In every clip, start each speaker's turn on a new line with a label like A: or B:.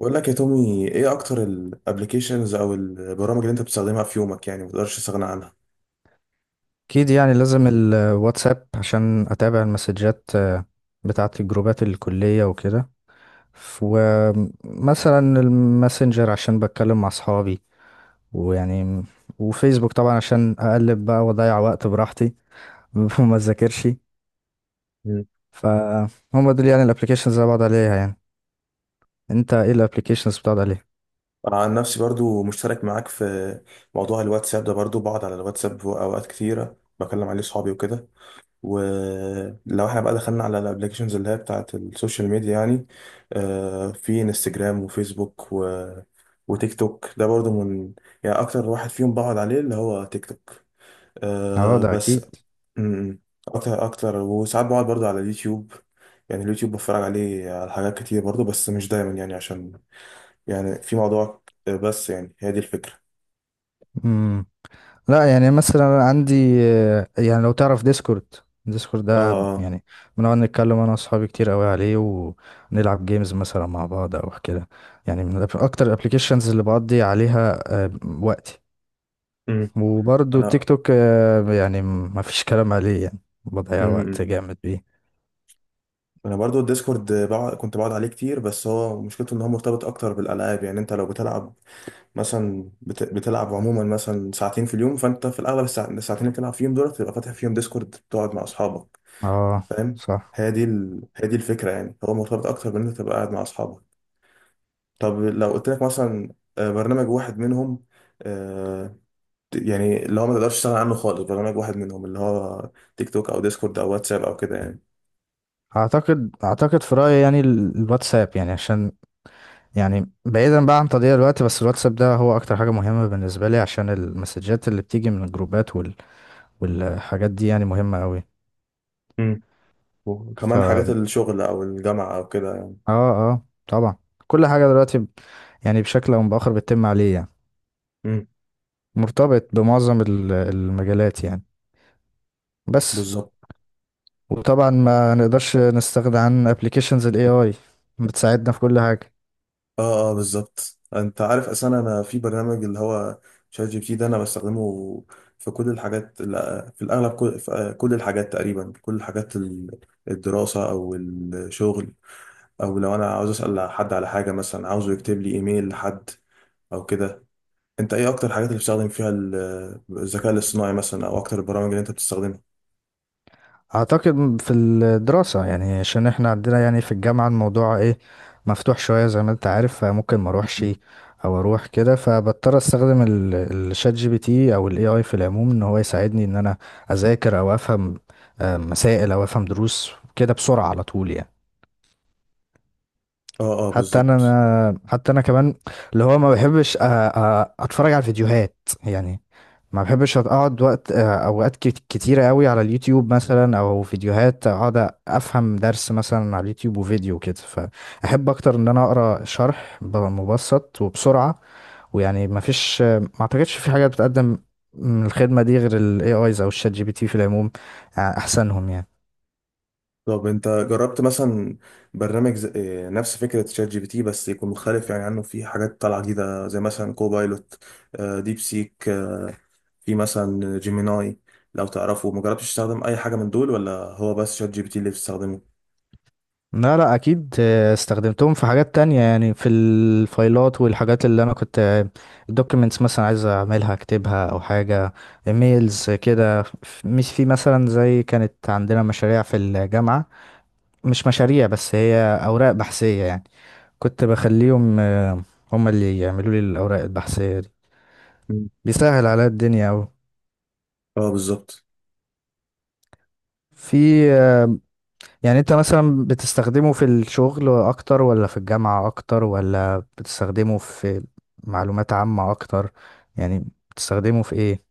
A: بقول لك يا تومي ايه اكتر الابلكيشنز او البرامج اللي انت بتستخدمها في يومك، يعني ما تقدرش تستغنى عنها؟
B: اكيد يعني لازم الواتساب عشان اتابع المسجات بتاعه الجروبات الكليه وكده. ف- ومثلا الماسنجر عشان بتكلم مع اصحابي ويعني وفيسبوك طبعا عشان اقلب بقى واضيع وقت براحتي وما اذاكرش.
A: مم.
B: فهم دول يعني الابلكيشنز اللي أنا بقعد عليها يعني. انت ايه الابلكيشنز بتقعد عليها؟
A: انا عن نفسي برضو مشترك معاك في موضوع الواتساب ده، برضو بقعد على الواتساب اوقات كتيره بكلم عليه صحابي وكده. ولو احنا بقى دخلنا على الابلكيشنز اللي هي بتاعت السوشيال ميديا، يعني في انستجرام وفيسبوك وتيك توك ده برضو من، يعني اكتر واحد فيهم بقعد عليه اللي هو تيك توك،
B: اه، ده
A: بس.
B: اكيد.
A: امم اكتر اكتر، وساعات بقعد برضه على اليوتيوب. يعني اليوتيوب بتفرج عليه على حاجات كتير برضه، بس مش دايما، يعني عشان يعني في موضوع، بس يعني هي دي الفكرة.
B: مم. لا يعني مثلا عندي، يعني لو تعرف ديسكورد. ديسكورد
A: اه
B: ده
A: اه.
B: يعني بنقعد نتكلم انا واصحابي كتير قوي عليه، ونلعب جيمز مثلا مع بعض او كده يعني. اكتر الابلكيشنز اللي بقضي عليها آه، وقتي.
A: امم
B: وبرضه تيك
A: انا
B: توك يعني ما فيش كلام عليه يعني، بضيع
A: امم امم.
B: وقت جامد بيه.
A: انا برضه الديسكورد بقعد، كنت بقعد عليه كتير، بس هو مشكلته ان هو مرتبط اكتر بالالعاب. يعني انت لو بتلعب مثلا بتلعب عموما مثلا ساعتين في اليوم، فانت في الاغلب الساعتين اللي بتلعب فيهم دول تبقى فاتح فيهم ديسكورد تقعد مع اصحابك.
B: اه،
A: فاهم؟
B: صح.
A: هي دي الفكرة، يعني هو مرتبط اكتر بان انت تبقى قاعد مع اصحابك. طب لو قلت لك مثلا برنامج واحد منهم، آه، يعني اللي هو ما تقدرش تشتغل عنه خالص، برنامج واحد منهم، اللي هو تيك توك او ديسكورد او واتساب او كده يعني.
B: اعتقد في رايي يعني الواتساب، يعني عشان يعني بعيدا بقى عن تضييع الوقت، بس الواتساب ده هو اكتر حاجة مهمة بالنسبة لي عشان المسجات اللي بتيجي من الجروبات والحاجات دي يعني مهمة قوي.
A: امم
B: ف
A: وكمان حاجات
B: اه،
A: الشغل او الجامعة او كده يعني.
B: اه طبعا. كل حاجة دلوقتي يعني بشكل او باخر بتتم عليه يعني،
A: امم
B: مرتبط بمعظم المجالات يعني. بس
A: بالظبط.
B: وطبعا
A: اه
B: ما نقدرش نستغنى عن ابلكيشنز الاي اي، بتساعدنا في كل حاجة.
A: اه بالظبط. انت عارف اصلا، انا في برنامج اللي هو شات جي بي تي ده انا بستخدمه في كل الحاجات. لا، في الاغلب كل في آه، كل الحاجات تقريبا، في كل الحاجات الدراسة او الشغل، او لو انا عاوز اسال حد على حاجه، مثلا عاوزه يكتب لي ايميل لحد او كده. انت ايه اكتر الحاجات اللي بتستخدم فيها الذكاء الاصطناعي مثلا، او اكتر البرامج اللي انت بتستخدمها؟
B: اعتقد في الدراسة يعني عشان احنا عندنا يعني في الجامعة الموضوع ايه، مفتوح شوية زي ما انت عارف، فممكن ما اروحش
A: مم.
B: او اروح كده، فبضطر استخدم الشات جي بي تي او الاي اي في العموم ان هو يساعدني ان انا اذاكر او افهم مسائل او افهم دروس كده بسرعة على طول يعني.
A: اه اه
B: حتى انا،
A: بالظبط.
B: حتى انا كمان اللي هو ما بحبش اتفرج على الفيديوهات يعني. ما بحبش اقعد وقت اوقات كتيره قوي على اليوتيوب مثلا، او فيديوهات اقعد افهم درس مثلا على اليوتيوب وفيديو كده، فاحب اكتر ان انا اقرا شرح مبسط وبسرعه، ويعني ما فيش ما اعتقدش في حاجه بتقدم من الخدمه دي غير الاي ايز او الشات جي بي تي في العموم، احسنهم يعني.
A: طب انت جربت مثلا برنامج نفس فكره شات جي بي تي، بس يكون مختلف يعني عنه، في حاجات طالعه جديده، زي مثلا كوبايلوت، ديب سيك، في مثلا جيميناي لو تعرفه. ما جربتش تستخدم اي حاجه من دول، ولا هو بس شات جي بي تي اللي بتستخدمه؟
B: لا لا اكيد، استخدمتهم في حاجات تانية يعني، في الفايلات والحاجات اللي انا كنت، الدوكيمنتس مثلا عايز اعملها اكتبها او حاجة، ايميلز كده. مش في مثلا زي كانت عندنا مشاريع في الجامعة، مش مشاريع بس هي اوراق بحثية يعني. كنت بخليهم هم اللي يعملوا لي الاوراق البحثية دي،
A: مم.
B: بيسهل عليا الدنيا اوي.
A: اه بالظبط.
B: في، يعني انت مثلا بتستخدمه في الشغل اكتر ولا في الجامعة اكتر، ولا بتستخدمه في معلومات عامة اكتر يعني؟ بتستخدمه في ايه؟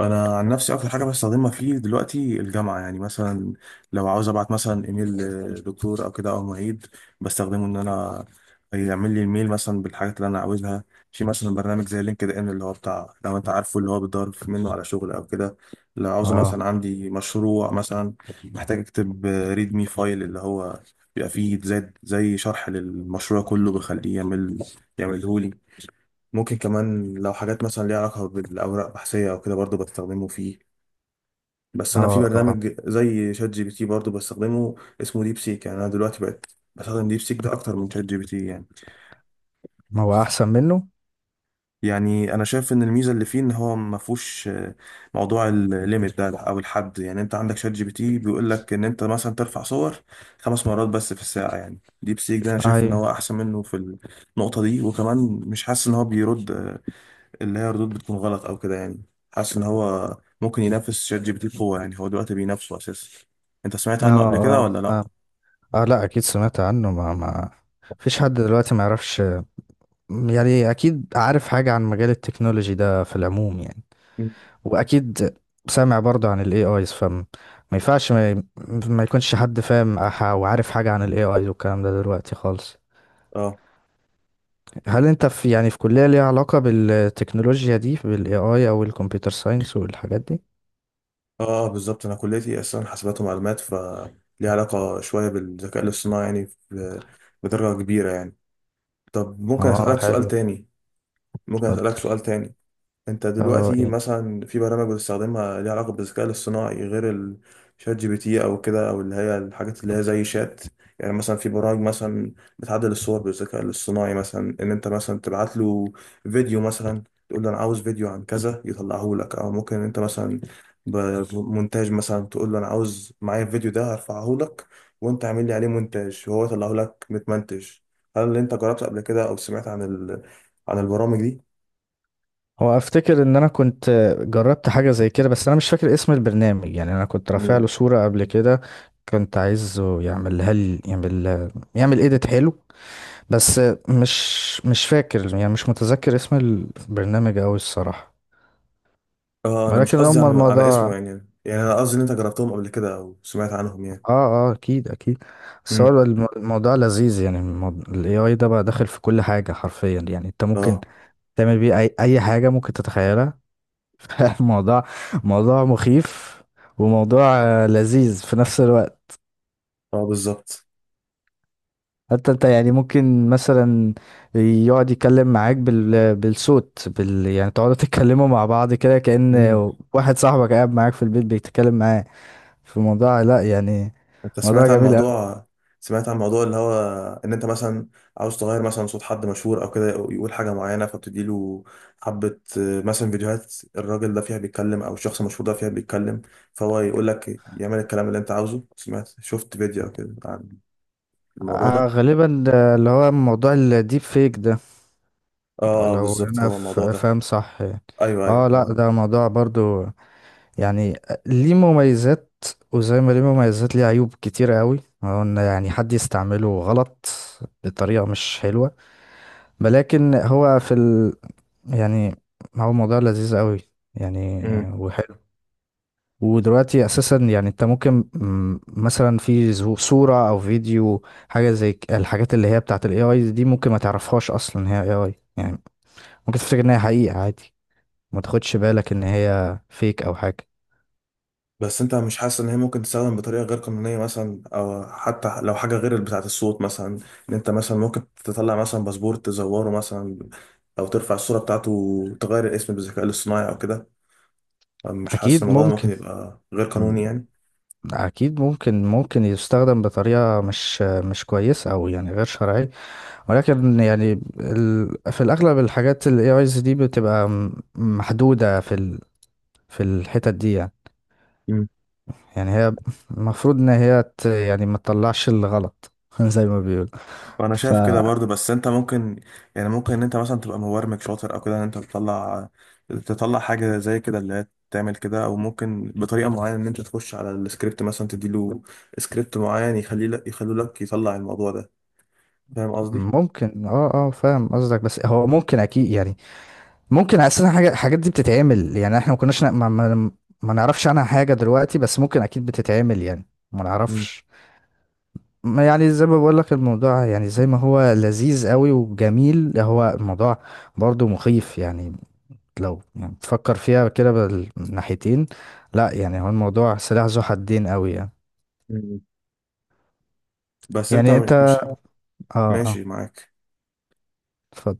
A: انا عن نفسي اكتر حاجه بستخدمها فيه دلوقتي الجامعه. يعني مثلا لو عاوز ابعت مثلا ايميل لدكتور او كده او معيد، بستخدمه ان انا يعمل لي الميل مثلا بالحاجات اللي انا عاوزها. في مثلا برنامج زي لينكد ان، اللي هو بتاع، لو انت عارفه، اللي هو بتدور منه على شغل او كده. لو عاوزه
B: اه،
A: مثلا عندي مشروع مثلا محتاج اكتب ريد مي فايل، اللي هو بيبقى فيه زي شرح للمشروع كله، بخليه يعمله. ممكن كمان لو حاجات مثلا ليها علاقة بالأوراق البحثية أو كده، برضو بستخدمه فيه. بس أنا في
B: اه، اه.
A: برنامج زي شات جي بي تي برضو بستخدمه، اسمه ديب سيك. يعني أنا دلوقتي بقت بستخدم ديب سيك ده أكتر من شات جي بي تي يعني.
B: ما هو احسن منه.
A: يعني أنا شايف إن الميزة اللي فيه إن هو ما فيهوش موضوع الليميت ده أو الحد. يعني أنت عندك شات جي بي تي بيقول لك إن أنت مثلا ترفع صور خمس مرات بس في الساعة، يعني ديب سيك ده أنا شايف إن
B: ايوه،
A: هو أحسن منه في النقطة دي. وكمان مش حاسس إن هو بيرد اللي هي ردود بتكون غلط او كده يعني. حاسس ان هو ممكن ينافس شات جي بي تي بقوه، يعني هو دلوقتي بينافسه اساسا. انت سمعت
B: اه،
A: عنه قبل كده
B: اه
A: ولا لا؟
B: فاهم. اه لا اكيد سمعت عنه، ما فيش حد دلوقتي ما يعرفش يعني، اكيد عارف حاجة عن مجال التكنولوجي ده في العموم يعني.
A: مم.
B: واكيد سامع برضو عن الاي ايز، فما ينفعش ما يكونش حد فاهم وعارف حاجة عن الاي ايز والكلام ده دلوقتي خالص.
A: اه
B: هل انت في، يعني في كلية ليها علاقة بالتكنولوجيا دي، بالاي اي او الكمبيوتر ساينس والحاجات دي؟
A: اه بالظبط. انا كليتي اصلا حاسبات ومعلومات، ف ليها علاقه شويه بالذكاء الاصطناعي، يعني بدرجه كبيره يعني. طب ممكن
B: اه
A: اسالك سؤال
B: حلو.
A: تاني؟ ممكن اسالك
B: اتفضل.
A: سؤال تاني انت
B: اه
A: دلوقتي
B: ايه.
A: مثلا في برامج بتستخدمها ليها علاقة بالذكاء الاصطناعي غير الشات جي بي تي او كده، او اللي هي الحاجات اللي هي زي شات؟ يعني مثلا في برامج مثلا بتعدل الصور بالذكاء الاصطناعي، مثلا ان انت مثلا تبعت له فيديو مثلا، تقول له انا عاوز فيديو عن كذا يطلعه لك. او ممكن انت مثلا بمونتاج مثلا، تقول له انا عاوز معايا الفيديو ده هرفعه لك، وانت اعمل لي عليه مونتاج، وهو يطلعه لك متمنتج. هل انت جربت قبل كده او سمعت عن البرامج دي؟
B: هو افتكر ان انا كنت جربت حاجة زي كده، بس انا مش فاكر اسم البرنامج يعني. انا كنت رافع له صورة قبل كده، كنت عايزه يعملها لي، يعمل ايديت حلو، بس مش مش فاكر يعني، مش متذكر اسم البرنامج أوي الصراحة.
A: اه انا مش
B: ولكن
A: قصدي
B: هما
A: عن على اسمه
B: الموضوع.
A: يعني، يعني انا قصدي ان انت جربتهم قبل كده او سمعت عنهم يعني.
B: اه اه اكيد اكيد. بس
A: امم
B: هو الموضوع لذيذ يعني. ال AI ده بقى داخل في كل حاجة حرفيا يعني، انت ممكن
A: اه
B: تعمل بيه اي اي حاجة ممكن تتخيلها. الموضوع موضوع مخيف، وموضوع لذيذ في نفس الوقت.
A: اه بالظبط.
B: حتى انت يعني ممكن مثلا يقعد يتكلم معاك بالصوت يعني تقعدوا تتكلموا مع بعض كده كأن
A: امم
B: واحد صاحبك قاعد معاك في البيت بيتكلم معاه، في موضوع لا يعني،
A: انت
B: موضوع
A: سمعت عن
B: جميل قوي.
A: موضوع، سمعت عن موضوع اللي هو ان انت مثلا عاوز تغير مثلا صوت حد مشهور او كده، أو يقول حاجه معينه، فبتدي له حبه مثلا فيديوهات الراجل ده فيها بيتكلم او الشخص المشهور ده فيها بيتكلم، فهو يقول لك يعمل الكلام اللي انت عاوزه. سمعت شفت فيديو او كده عن الموضوع ده؟
B: غالبا ده اللي هو موضوع الديب فيك ده
A: اه
B: لو
A: بالظبط
B: انا
A: هو الموضوع ده.
B: فاهم صح يعني.
A: ايوه ايوه
B: اه لا
A: هو
B: ده موضوع برضو يعني، ليه مميزات، وزي ما ليه مميزات ليه عيوب كتيرة قوي، هو ان يعني حد يستعمله غلط بطريقة مش حلوة، ولكن هو في ال... يعني هو موضوع لذيذ قوي يعني،
A: ده.
B: وحلو. ودلوقتي اساسا يعني، انت ممكن مثلا في صورة او فيديو، حاجة زي الحاجات اللي هي بتاعت الاي اي دي، ممكن ما تعرفهاش اصلا هي اي اي يعني، ممكن تفتكر ان هي حقيقة عادي، ما تاخدش بالك ان هي فيك او حاجة.
A: بس انت مش حاسس ان هي ممكن تستخدم بطريقه غير قانونيه مثلا، او حتى لو حاجه غير بتاعه الصوت مثلا، ان انت مثلا ممكن تطلع مثلا باسبور تزوره مثلا، او ترفع الصوره بتاعته وتغير الاسم بالذكاء الاصطناعي او كده؟ مش حاسس
B: اكيد
A: ان الموضوع ده ممكن
B: ممكن،
A: يبقى غير
B: م-
A: قانوني يعني؟
B: اكيد ممكن، ممكن يستخدم بطريقة مش كويسة، او يعني غير شرعية. ولكن يعني ال... في الأغلب الحاجات ال AIs دي بتبقى محدودة في ال... في الحتت دي يعني.
A: مم.
B: يعني هي المفروض إن هي ت... يعني ما تطلعش الغلط زي ما بيقول.
A: وانا شايف كده برضه. بس انت ممكن، يعني ممكن ان انت مثلا تبقى مبرمج شاطر او كده، ان انت تطلع حاجه زي كده اللي هي تعمل كده، او ممكن بطريقه معينه ان انت تخش على السكريبت مثلا، تديله سكريبت معين يخليه لك يطلع الموضوع ده. فاهم قصدي؟
B: فممكن اه، اه فاهم قصدك. بس هو ممكن أكيد يعني، ممكن أساسا حاجة الحاجات دي بتتعمل يعني. احنا ما كناش ما نعرفش عنها حاجة دلوقتي، بس ممكن أكيد بتتعمل يعني، ما
A: مم.
B: نعرفش. ما يعني زي ما بقول لك الموضوع، يعني زي ما هو لذيذ قوي وجميل، هو الموضوع برضو مخيف يعني، لو يعني تفكر فيها كده بالناحيتين. لا يعني هو الموضوع سلاح ذو حدين قوي يعني.
A: مم. بس انت
B: يعني انت،
A: مش
B: اه. اه
A: ماشي معاك.
B: اتفضل.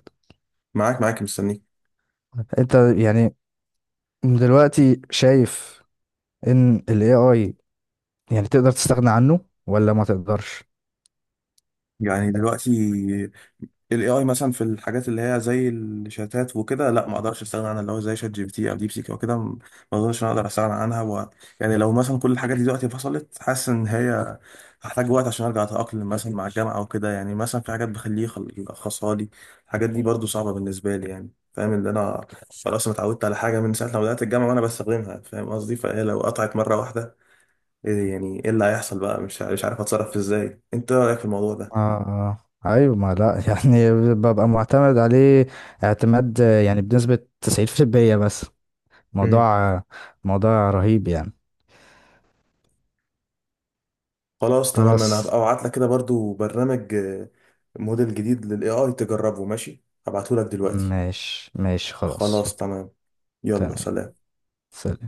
A: معاك معاك مستنيك.
B: انت يعني دلوقتي شايف ان ال AI يعني تقدر تستغنى عنه ولا ما تقدرش؟
A: يعني دلوقتي ال AI مثلا في الحاجات اللي هي زي الشتات وكده، لا ما اقدرش استغنى عنها، اللي هو زي شات جي بي تي او ديب سيك او كده. ما اظنش إن انا اقدر استغنى عنها. و... يعني لو مثلا كل الحاجات دي دلوقتي فصلت، حاسس ان هي هحتاج وقت عشان ارجع اتاقلم مثلا مع الجامعه او كده. يعني مثلا في حاجات بخليه يلخصها لي، الحاجات دي برضو صعبه بالنسبه لي، يعني فاهم اللي انا، خلاص انا اتعودت على حاجه من ساعه ما بدات الجامعه وانا بستخدمها، فاهم قصدي؟ فهي لو قطعت مره واحده ايه، يعني ايه اللي هيحصل بقى؟ مش عارف اتصرف ازاي. انت إيه رايك في الموضوع
B: اه،
A: ده؟
B: اه، ايوه ما لا يعني ببقى معتمد عليه اعتماد، يعني بنسبة 90%. بس
A: مم.
B: موضوع موضوع رهيب يعني.
A: خلاص تمام. انا
B: خلاص.
A: هبقى ابعت لك كده برضو برنامج، موديل جديد للاي اي تجربه. ماشي، هبعته لك دلوقتي.
B: ماشي ماشي خلاص.
A: خلاص تمام. يلا
B: تمام.
A: سلام.
B: سلام.